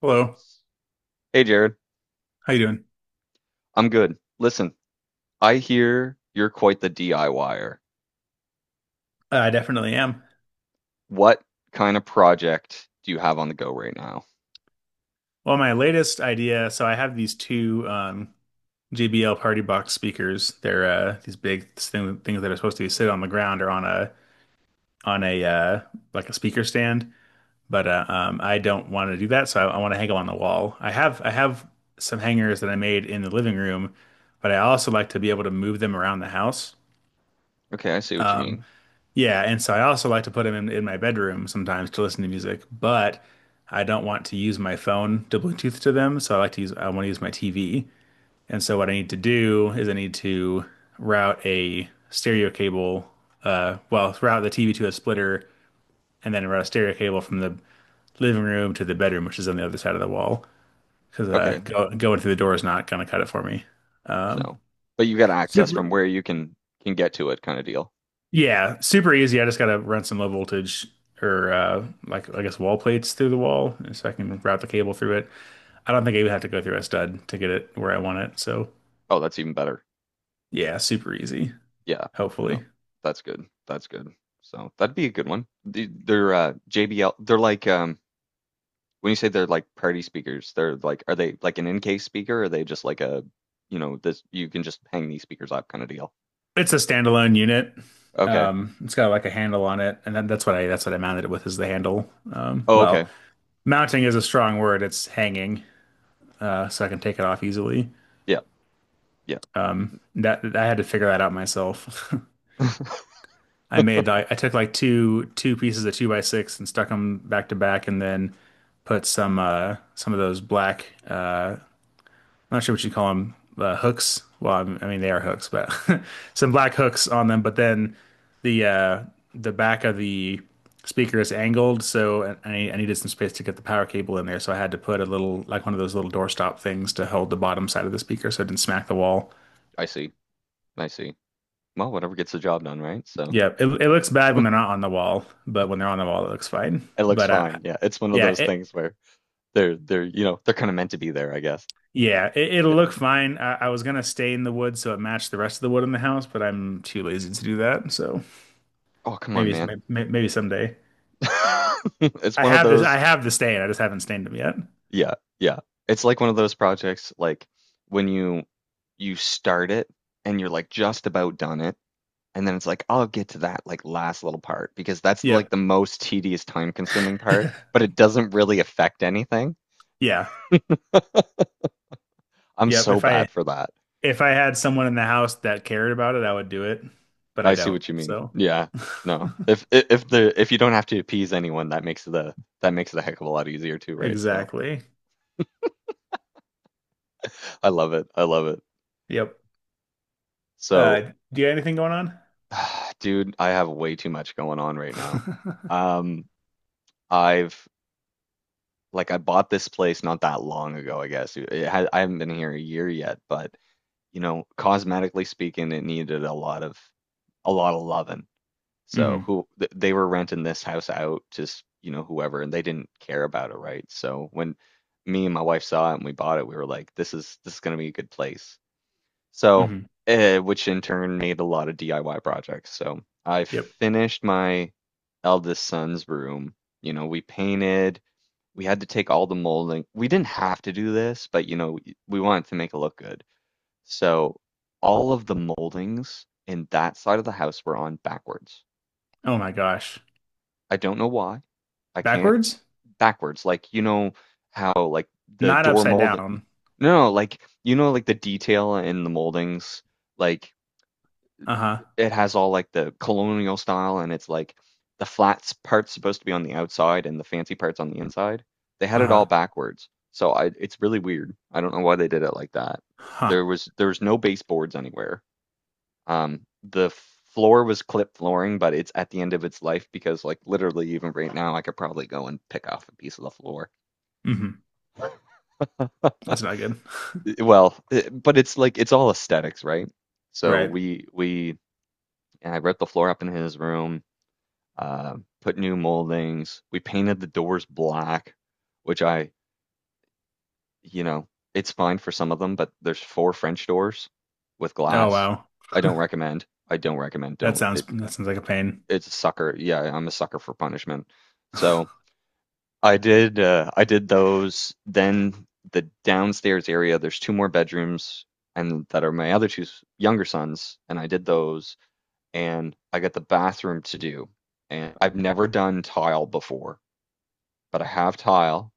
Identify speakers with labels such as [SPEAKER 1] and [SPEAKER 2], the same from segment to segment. [SPEAKER 1] Hello,
[SPEAKER 2] Hey, Jared.
[SPEAKER 1] how you doing?
[SPEAKER 2] I'm good. Listen, I hear you're quite the DIYer.
[SPEAKER 1] I definitely am.
[SPEAKER 2] What kind of project do you have on the go right now?
[SPEAKER 1] Well, my latest idea, so I have these two JBL Party Box speakers. They're these things that are supposed to sit on the ground or on a on a like a speaker stand. But I don't want to do that, so I want to hang them on the wall. I have some hangers that I made in the living room, but I also like to be able to move them around the house.
[SPEAKER 2] Okay, I see what you mean.
[SPEAKER 1] Yeah, and so I also like to put them in my bedroom sometimes to listen to music, but I don't want to use my phone to Bluetooth to them, so I want to use my TV. And so what I need to do is I need to route a stereo cable, well, route the TV to a splitter and then route a stereo cable from the living room to the bedroom, which is on the other side of the wall, because
[SPEAKER 2] Okay,
[SPEAKER 1] going through the door is not going to cut it for me. Um,
[SPEAKER 2] so, but you got access
[SPEAKER 1] super.
[SPEAKER 2] from where you can get to it kind of deal.
[SPEAKER 1] Yeah, super easy. I just gotta run some low voltage or like I guess wall plates through the wall so I can route the cable through it. I don't think I would have to go through a stud to get it where I want it. So
[SPEAKER 2] Oh, that's even better.
[SPEAKER 1] yeah, super easy,
[SPEAKER 2] Yeah, no,
[SPEAKER 1] hopefully.
[SPEAKER 2] that's good. That's good. So that'd be a good one. They're JBL. They're like when you say they're like party speakers, they're like are they like an in-case speaker? Or are they just like a you know this you can just hang these speakers up kind of deal?
[SPEAKER 1] It's a standalone unit.
[SPEAKER 2] Okay.
[SPEAKER 1] It's got like a handle on it, and that's what I mounted it with is the handle.
[SPEAKER 2] Oh,
[SPEAKER 1] Well,
[SPEAKER 2] okay.
[SPEAKER 1] mounting is a strong word, it's hanging, so I can take it off easily.
[SPEAKER 2] Yeah, yeah.
[SPEAKER 1] That I had to figure that out myself. I made like I took like two pieces of two by six and stuck them back to back, and then put some of those black I'm not sure what you call them hooks. Well, I mean they are hooks, but some black hooks on them. But then the the back of the speaker is angled, so I needed some space to get the power cable in there, so I had to put a little like one of those little doorstop things to hold the bottom side of the speaker so it didn't smack the wall.
[SPEAKER 2] I see. I see. Well, whatever gets the job done, right? So
[SPEAKER 1] Yeah, it looks bad when they're not on the wall, but when they're on the wall, it looks fine.
[SPEAKER 2] it looks
[SPEAKER 1] But
[SPEAKER 2] fine. Yeah, it's one of
[SPEAKER 1] yeah,
[SPEAKER 2] those
[SPEAKER 1] it,
[SPEAKER 2] things where they're you know they're kind of meant to be there, I guess.
[SPEAKER 1] Yeah, it'll look fine. I was gonna stay in the wood so it matched the rest of the wood in the house, but I'm too lazy to do that. So
[SPEAKER 2] Oh, come on,
[SPEAKER 1] maybe it's-
[SPEAKER 2] man.
[SPEAKER 1] may- maybe someday.
[SPEAKER 2] It's
[SPEAKER 1] I
[SPEAKER 2] one of
[SPEAKER 1] have this. I
[SPEAKER 2] those.
[SPEAKER 1] have the stain. I just haven't stained them yet.
[SPEAKER 2] Yeah, yeah. It's like one of those projects, like when you start it and you're like just about done it, and then it's like I'll get to that like last little part because that's like
[SPEAKER 1] Yep.
[SPEAKER 2] the most tedious, time consuming part, but it doesn't really affect anything.
[SPEAKER 1] Yeah.
[SPEAKER 2] I'm
[SPEAKER 1] Yep.
[SPEAKER 2] so bad for that.
[SPEAKER 1] If I had someone in the house that cared about it, I would do it, but I
[SPEAKER 2] I see
[SPEAKER 1] don't.
[SPEAKER 2] what you mean.
[SPEAKER 1] So
[SPEAKER 2] Yeah. No. If the if you don't have to appease anyone, that makes the that makes it a heck of a lot easier too, right? So
[SPEAKER 1] exactly.
[SPEAKER 2] I love it. I love it.
[SPEAKER 1] Yep. Uh,
[SPEAKER 2] So,
[SPEAKER 1] do you have anything going on?
[SPEAKER 2] dude, I have way too much going on right now. Um, I've like I bought this place not that long ago, I guess. It ha I haven't been here a year yet, but you know, cosmetically speaking, it needed a lot of loving. So
[SPEAKER 1] hmm
[SPEAKER 2] who they were renting this house out to, you know, whoever, and they didn't care about it, right? So when me and my wife saw it and we bought it, we were like, this is gonna be a good place. So,
[SPEAKER 1] hmm
[SPEAKER 2] which in turn made a lot of DIY projects. So I
[SPEAKER 1] Yep.
[SPEAKER 2] finished my eldest son's room. You know, we painted. We had to take all the molding. We didn't have to do this, but you know, we wanted to make it look good. So all of the moldings in that side of the house were on backwards.
[SPEAKER 1] Oh my gosh.
[SPEAKER 2] I don't know why. I can't
[SPEAKER 1] Backwards?
[SPEAKER 2] backwards. Like you know how like the
[SPEAKER 1] Not
[SPEAKER 2] door
[SPEAKER 1] upside
[SPEAKER 2] molding.
[SPEAKER 1] down.
[SPEAKER 2] No, like you know like the detail in the moldings. Like
[SPEAKER 1] Uh-huh.
[SPEAKER 2] it has all like the colonial style, and it's like the flat part's supposed to be on the outside, and the fancy part's on the inside. They had it
[SPEAKER 1] Uh-huh.
[SPEAKER 2] all backwards, so I it's really weird. I don't know why they did it like that.
[SPEAKER 1] Huh.
[SPEAKER 2] There was no baseboards anywhere. The floor was clip flooring, but it's at the end of its life because, like, literally, even right now, I could probably go and pick off a piece of the floor.
[SPEAKER 1] Hmm. That's not good.
[SPEAKER 2] But it's like it's all aesthetics, right? So
[SPEAKER 1] Right.
[SPEAKER 2] we I ripped the floor up in his room, uh, put new moldings. We painted the doors black, which I, you know, it's fine for some of them, but there's four French doors with
[SPEAKER 1] Oh
[SPEAKER 2] glass.
[SPEAKER 1] wow.
[SPEAKER 2] I don't recommend. I don't recommend. Don't.
[SPEAKER 1] That sounds like a pain.
[SPEAKER 2] It's a sucker. Yeah, I'm a sucker for punishment. So
[SPEAKER 1] Oh
[SPEAKER 2] I did those. Then the downstairs area, there's two more bedrooms and that are my other two younger sons, and I did those and I got the bathroom to do. And I've never done tile before, but I have tile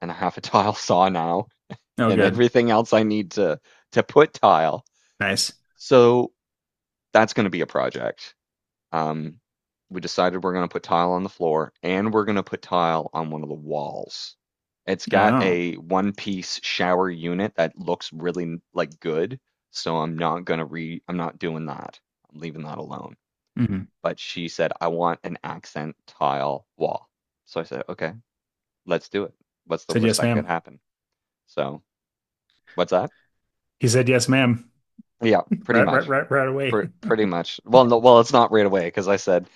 [SPEAKER 2] and I have a tile saw now and
[SPEAKER 1] good.
[SPEAKER 2] everything else I need to put tile.
[SPEAKER 1] Nice.
[SPEAKER 2] So that's going to be a project. Um, we decided we're going to put tile on the floor and we're going to put tile on one of the walls. It's got
[SPEAKER 1] Oh.
[SPEAKER 2] a one piece shower unit that looks really like good, so I'm not going to re I'm not doing that. I'm leaving that alone.
[SPEAKER 1] Hmm.
[SPEAKER 2] But she said, I want an accent tile wall. So I said, okay, let's do it. What's the
[SPEAKER 1] Said
[SPEAKER 2] worst
[SPEAKER 1] yes,
[SPEAKER 2] that could
[SPEAKER 1] ma'am.
[SPEAKER 2] happen? So what's that?
[SPEAKER 1] He said yes, ma'am.
[SPEAKER 2] Yeah, pretty
[SPEAKER 1] Right, right,
[SPEAKER 2] much.
[SPEAKER 1] right, right away.
[SPEAKER 2] Pr pretty much. Well, no, well, it's not right away because I said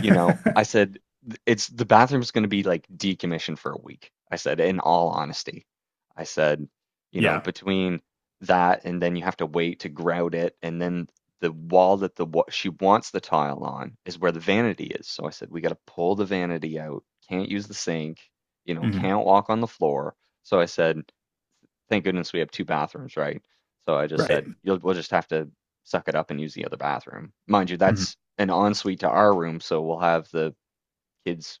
[SPEAKER 2] you know, I said, it's the bathroom's going to be like decommissioned for a week. I said, in all honesty, I said, you know,
[SPEAKER 1] Yeah.
[SPEAKER 2] between that and then you have to wait to grout it. And then the wall that the she wants the tile on is where the vanity is. So I said, we got to pull the vanity out. Can't use the sink, you know,
[SPEAKER 1] Hmm.
[SPEAKER 2] can't walk on the floor. So I said, thank goodness we have two bathrooms, right? So I just
[SPEAKER 1] Right.
[SPEAKER 2] said, we'll just have to suck it up and use the other bathroom. Mind you, that's
[SPEAKER 1] Hmm.
[SPEAKER 2] an ensuite to our room, so we'll have the kids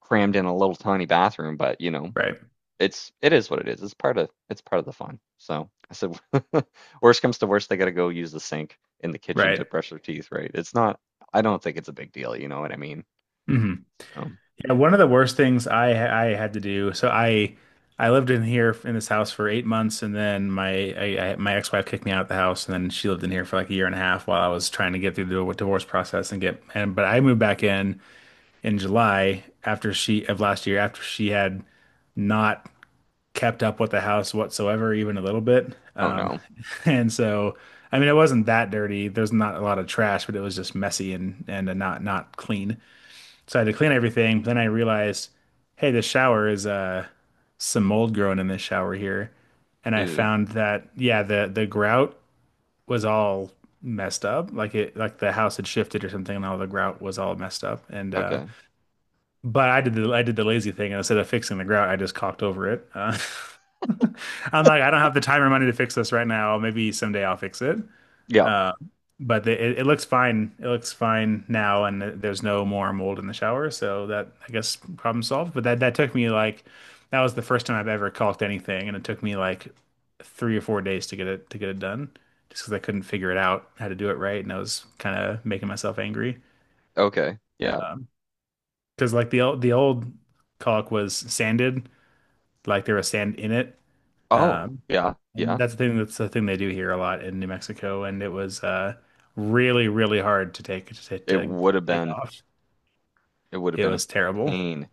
[SPEAKER 2] crammed in a little tiny bathroom, but you know,
[SPEAKER 1] Right.
[SPEAKER 2] it is what it is. It's part of the fun. So I said, worst comes to worst, they got to go use the sink in the kitchen
[SPEAKER 1] Right.
[SPEAKER 2] to brush their teeth, right? It's not. I don't think it's a big deal. You know what I mean?
[SPEAKER 1] Hmm.
[SPEAKER 2] So,
[SPEAKER 1] Yeah, one of the worst things I had to do. So I lived in here in this house for eight months, and then my ex-wife kicked me out of the house, and then she lived in here for like a year and a half while I was trying to get through the divorce process and but I moved back in July after she of last year after she had not kept up with the house whatsoever, even a little bit,
[SPEAKER 2] oh no.
[SPEAKER 1] and so. I mean, it wasn't that dirty. There's not a lot of trash, but it was just messy and not clean. So I had to clean everything. But then I realized, hey, the shower is some mold growing in this shower here. And I
[SPEAKER 2] Ew.
[SPEAKER 1] found that yeah, the grout was all messed up. Like the house had shifted or something and all the grout was all messed up. And
[SPEAKER 2] Okay.
[SPEAKER 1] but I did the lazy thing and instead of fixing the grout, I just caulked over it. I'm like, I don't have the time or money to fix this right now. Maybe someday I'll fix it.
[SPEAKER 2] Yeah.
[SPEAKER 1] Uh, but it looks fine. It looks fine now, and there's no more mold in the shower, so that I guess problem solved. But that took me like that was the first time I've ever caulked anything, and it took me like 3 or 4 days to get it done, just because I couldn't figure it out how to do it right, and I was kind of making myself angry.
[SPEAKER 2] Okay. Yeah.
[SPEAKER 1] Um 'Cause because like the old caulk was sanded, like they were sand in it.
[SPEAKER 2] Oh.
[SPEAKER 1] Um,
[SPEAKER 2] Yeah.
[SPEAKER 1] and
[SPEAKER 2] Yeah.
[SPEAKER 1] that's the thing they do here a lot in New Mexico, and it was really, really hard
[SPEAKER 2] It
[SPEAKER 1] to
[SPEAKER 2] would have
[SPEAKER 1] take
[SPEAKER 2] been
[SPEAKER 1] off.
[SPEAKER 2] it would have
[SPEAKER 1] It
[SPEAKER 2] been a
[SPEAKER 1] was terrible.
[SPEAKER 2] pain.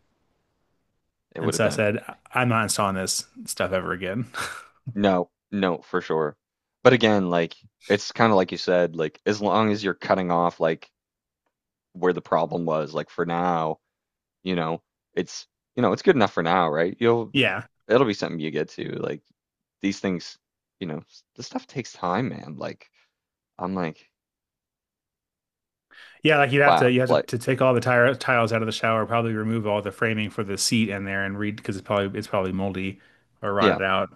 [SPEAKER 2] It would
[SPEAKER 1] And
[SPEAKER 2] have
[SPEAKER 1] so I
[SPEAKER 2] been a
[SPEAKER 1] said, "I- am not installing this stuff ever again.
[SPEAKER 2] no, no, for sure. But again, like it's kind of like you said, like as long as you're cutting off like where the problem was, like for now, you know, it's you know, it's good enough for now, right? You'll
[SPEAKER 1] Yeah.
[SPEAKER 2] it'll be something you get to. Like these things, you know, this stuff takes time, man. Like I'm like,
[SPEAKER 1] Yeah, like
[SPEAKER 2] wow,
[SPEAKER 1] you have
[SPEAKER 2] like
[SPEAKER 1] to take all the tire tiles out of the shower, probably remove all the framing for the seat in there and read because it's probably moldy or
[SPEAKER 2] yeah,
[SPEAKER 1] rotted out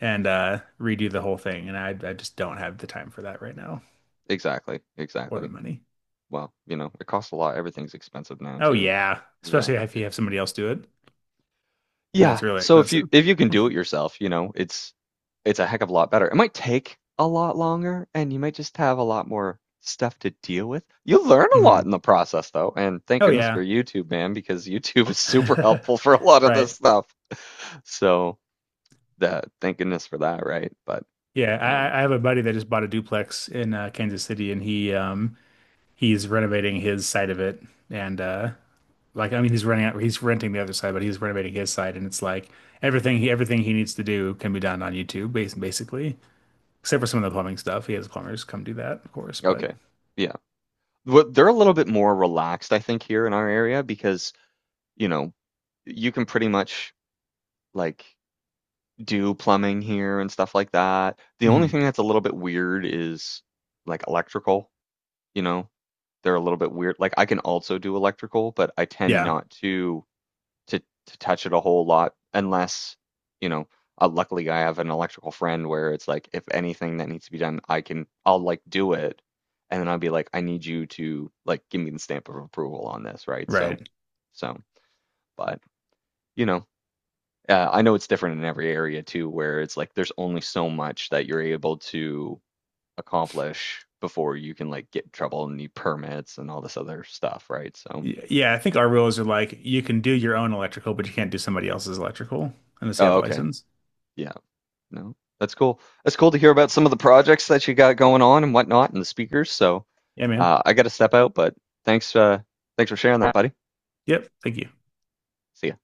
[SPEAKER 1] and redo the whole thing. And I just don't have the time for that right now
[SPEAKER 2] exactly,
[SPEAKER 1] or the
[SPEAKER 2] exactly.
[SPEAKER 1] money.
[SPEAKER 2] Well, you know, it costs a lot. Everything's expensive now
[SPEAKER 1] Oh
[SPEAKER 2] too, but
[SPEAKER 1] yeah,
[SPEAKER 2] yeah,
[SPEAKER 1] especially if you
[SPEAKER 2] it,
[SPEAKER 1] have somebody else do it.
[SPEAKER 2] yeah,
[SPEAKER 1] That's really
[SPEAKER 2] so
[SPEAKER 1] expensive.
[SPEAKER 2] if you can do it yourself, you know, it's a heck of a lot better. It might take a lot longer, and you might just have a lot more stuff to deal with. You learn a lot in
[SPEAKER 1] Mhm.
[SPEAKER 2] the process, though, and thank
[SPEAKER 1] Oh
[SPEAKER 2] goodness
[SPEAKER 1] yeah.
[SPEAKER 2] for YouTube, man, because YouTube is super helpful for a lot of this
[SPEAKER 1] Right.
[SPEAKER 2] stuff. So that thank goodness for that, right? But
[SPEAKER 1] Yeah,
[SPEAKER 2] you know,
[SPEAKER 1] I have a buddy that just bought a duplex in Kansas City, and he he's renovating his side of it, and like I mean he's running out he's renting the other side, but he's renovating his side, and it's like everything he needs to do can be done on YouTube, basically, except for some of the plumbing stuff. He has plumbers come do that, of course, but
[SPEAKER 2] okay, yeah, What- they're a little bit more relaxed, I think, here in our area because you know you can pretty much like. Do plumbing here and stuff like that. The only
[SPEAKER 1] Mhm.
[SPEAKER 2] thing that's a little bit weird is like electrical, you know. They're a little bit weird. Like I can also do electrical, but I tend
[SPEAKER 1] Yeah,
[SPEAKER 2] not to to to touch it a whole lot unless, you know, luckily I have an electrical friend where it's like if anything that needs to be done, I'll like do it and then I'll be like I need you to like give me the stamp of approval on this, right? So
[SPEAKER 1] right.
[SPEAKER 2] so but you know, I know it's different in every area too, where it's like there's only so much that you're able to accomplish before you can like get in trouble and need permits and all this other stuff, right? So,
[SPEAKER 1] Yeah, I think our rules are like you can do your own electrical, but you can't do somebody else's electrical unless you have
[SPEAKER 2] oh,
[SPEAKER 1] a
[SPEAKER 2] okay.
[SPEAKER 1] license.
[SPEAKER 2] Yeah. No, that's cool. That's cool to hear about some of the projects that you got going on and whatnot and the speakers. So,
[SPEAKER 1] Yeah, man.
[SPEAKER 2] I got to step out, but thanks, thanks for sharing that, buddy.
[SPEAKER 1] Yep. Thank you.
[SPEAKER 2] See ya.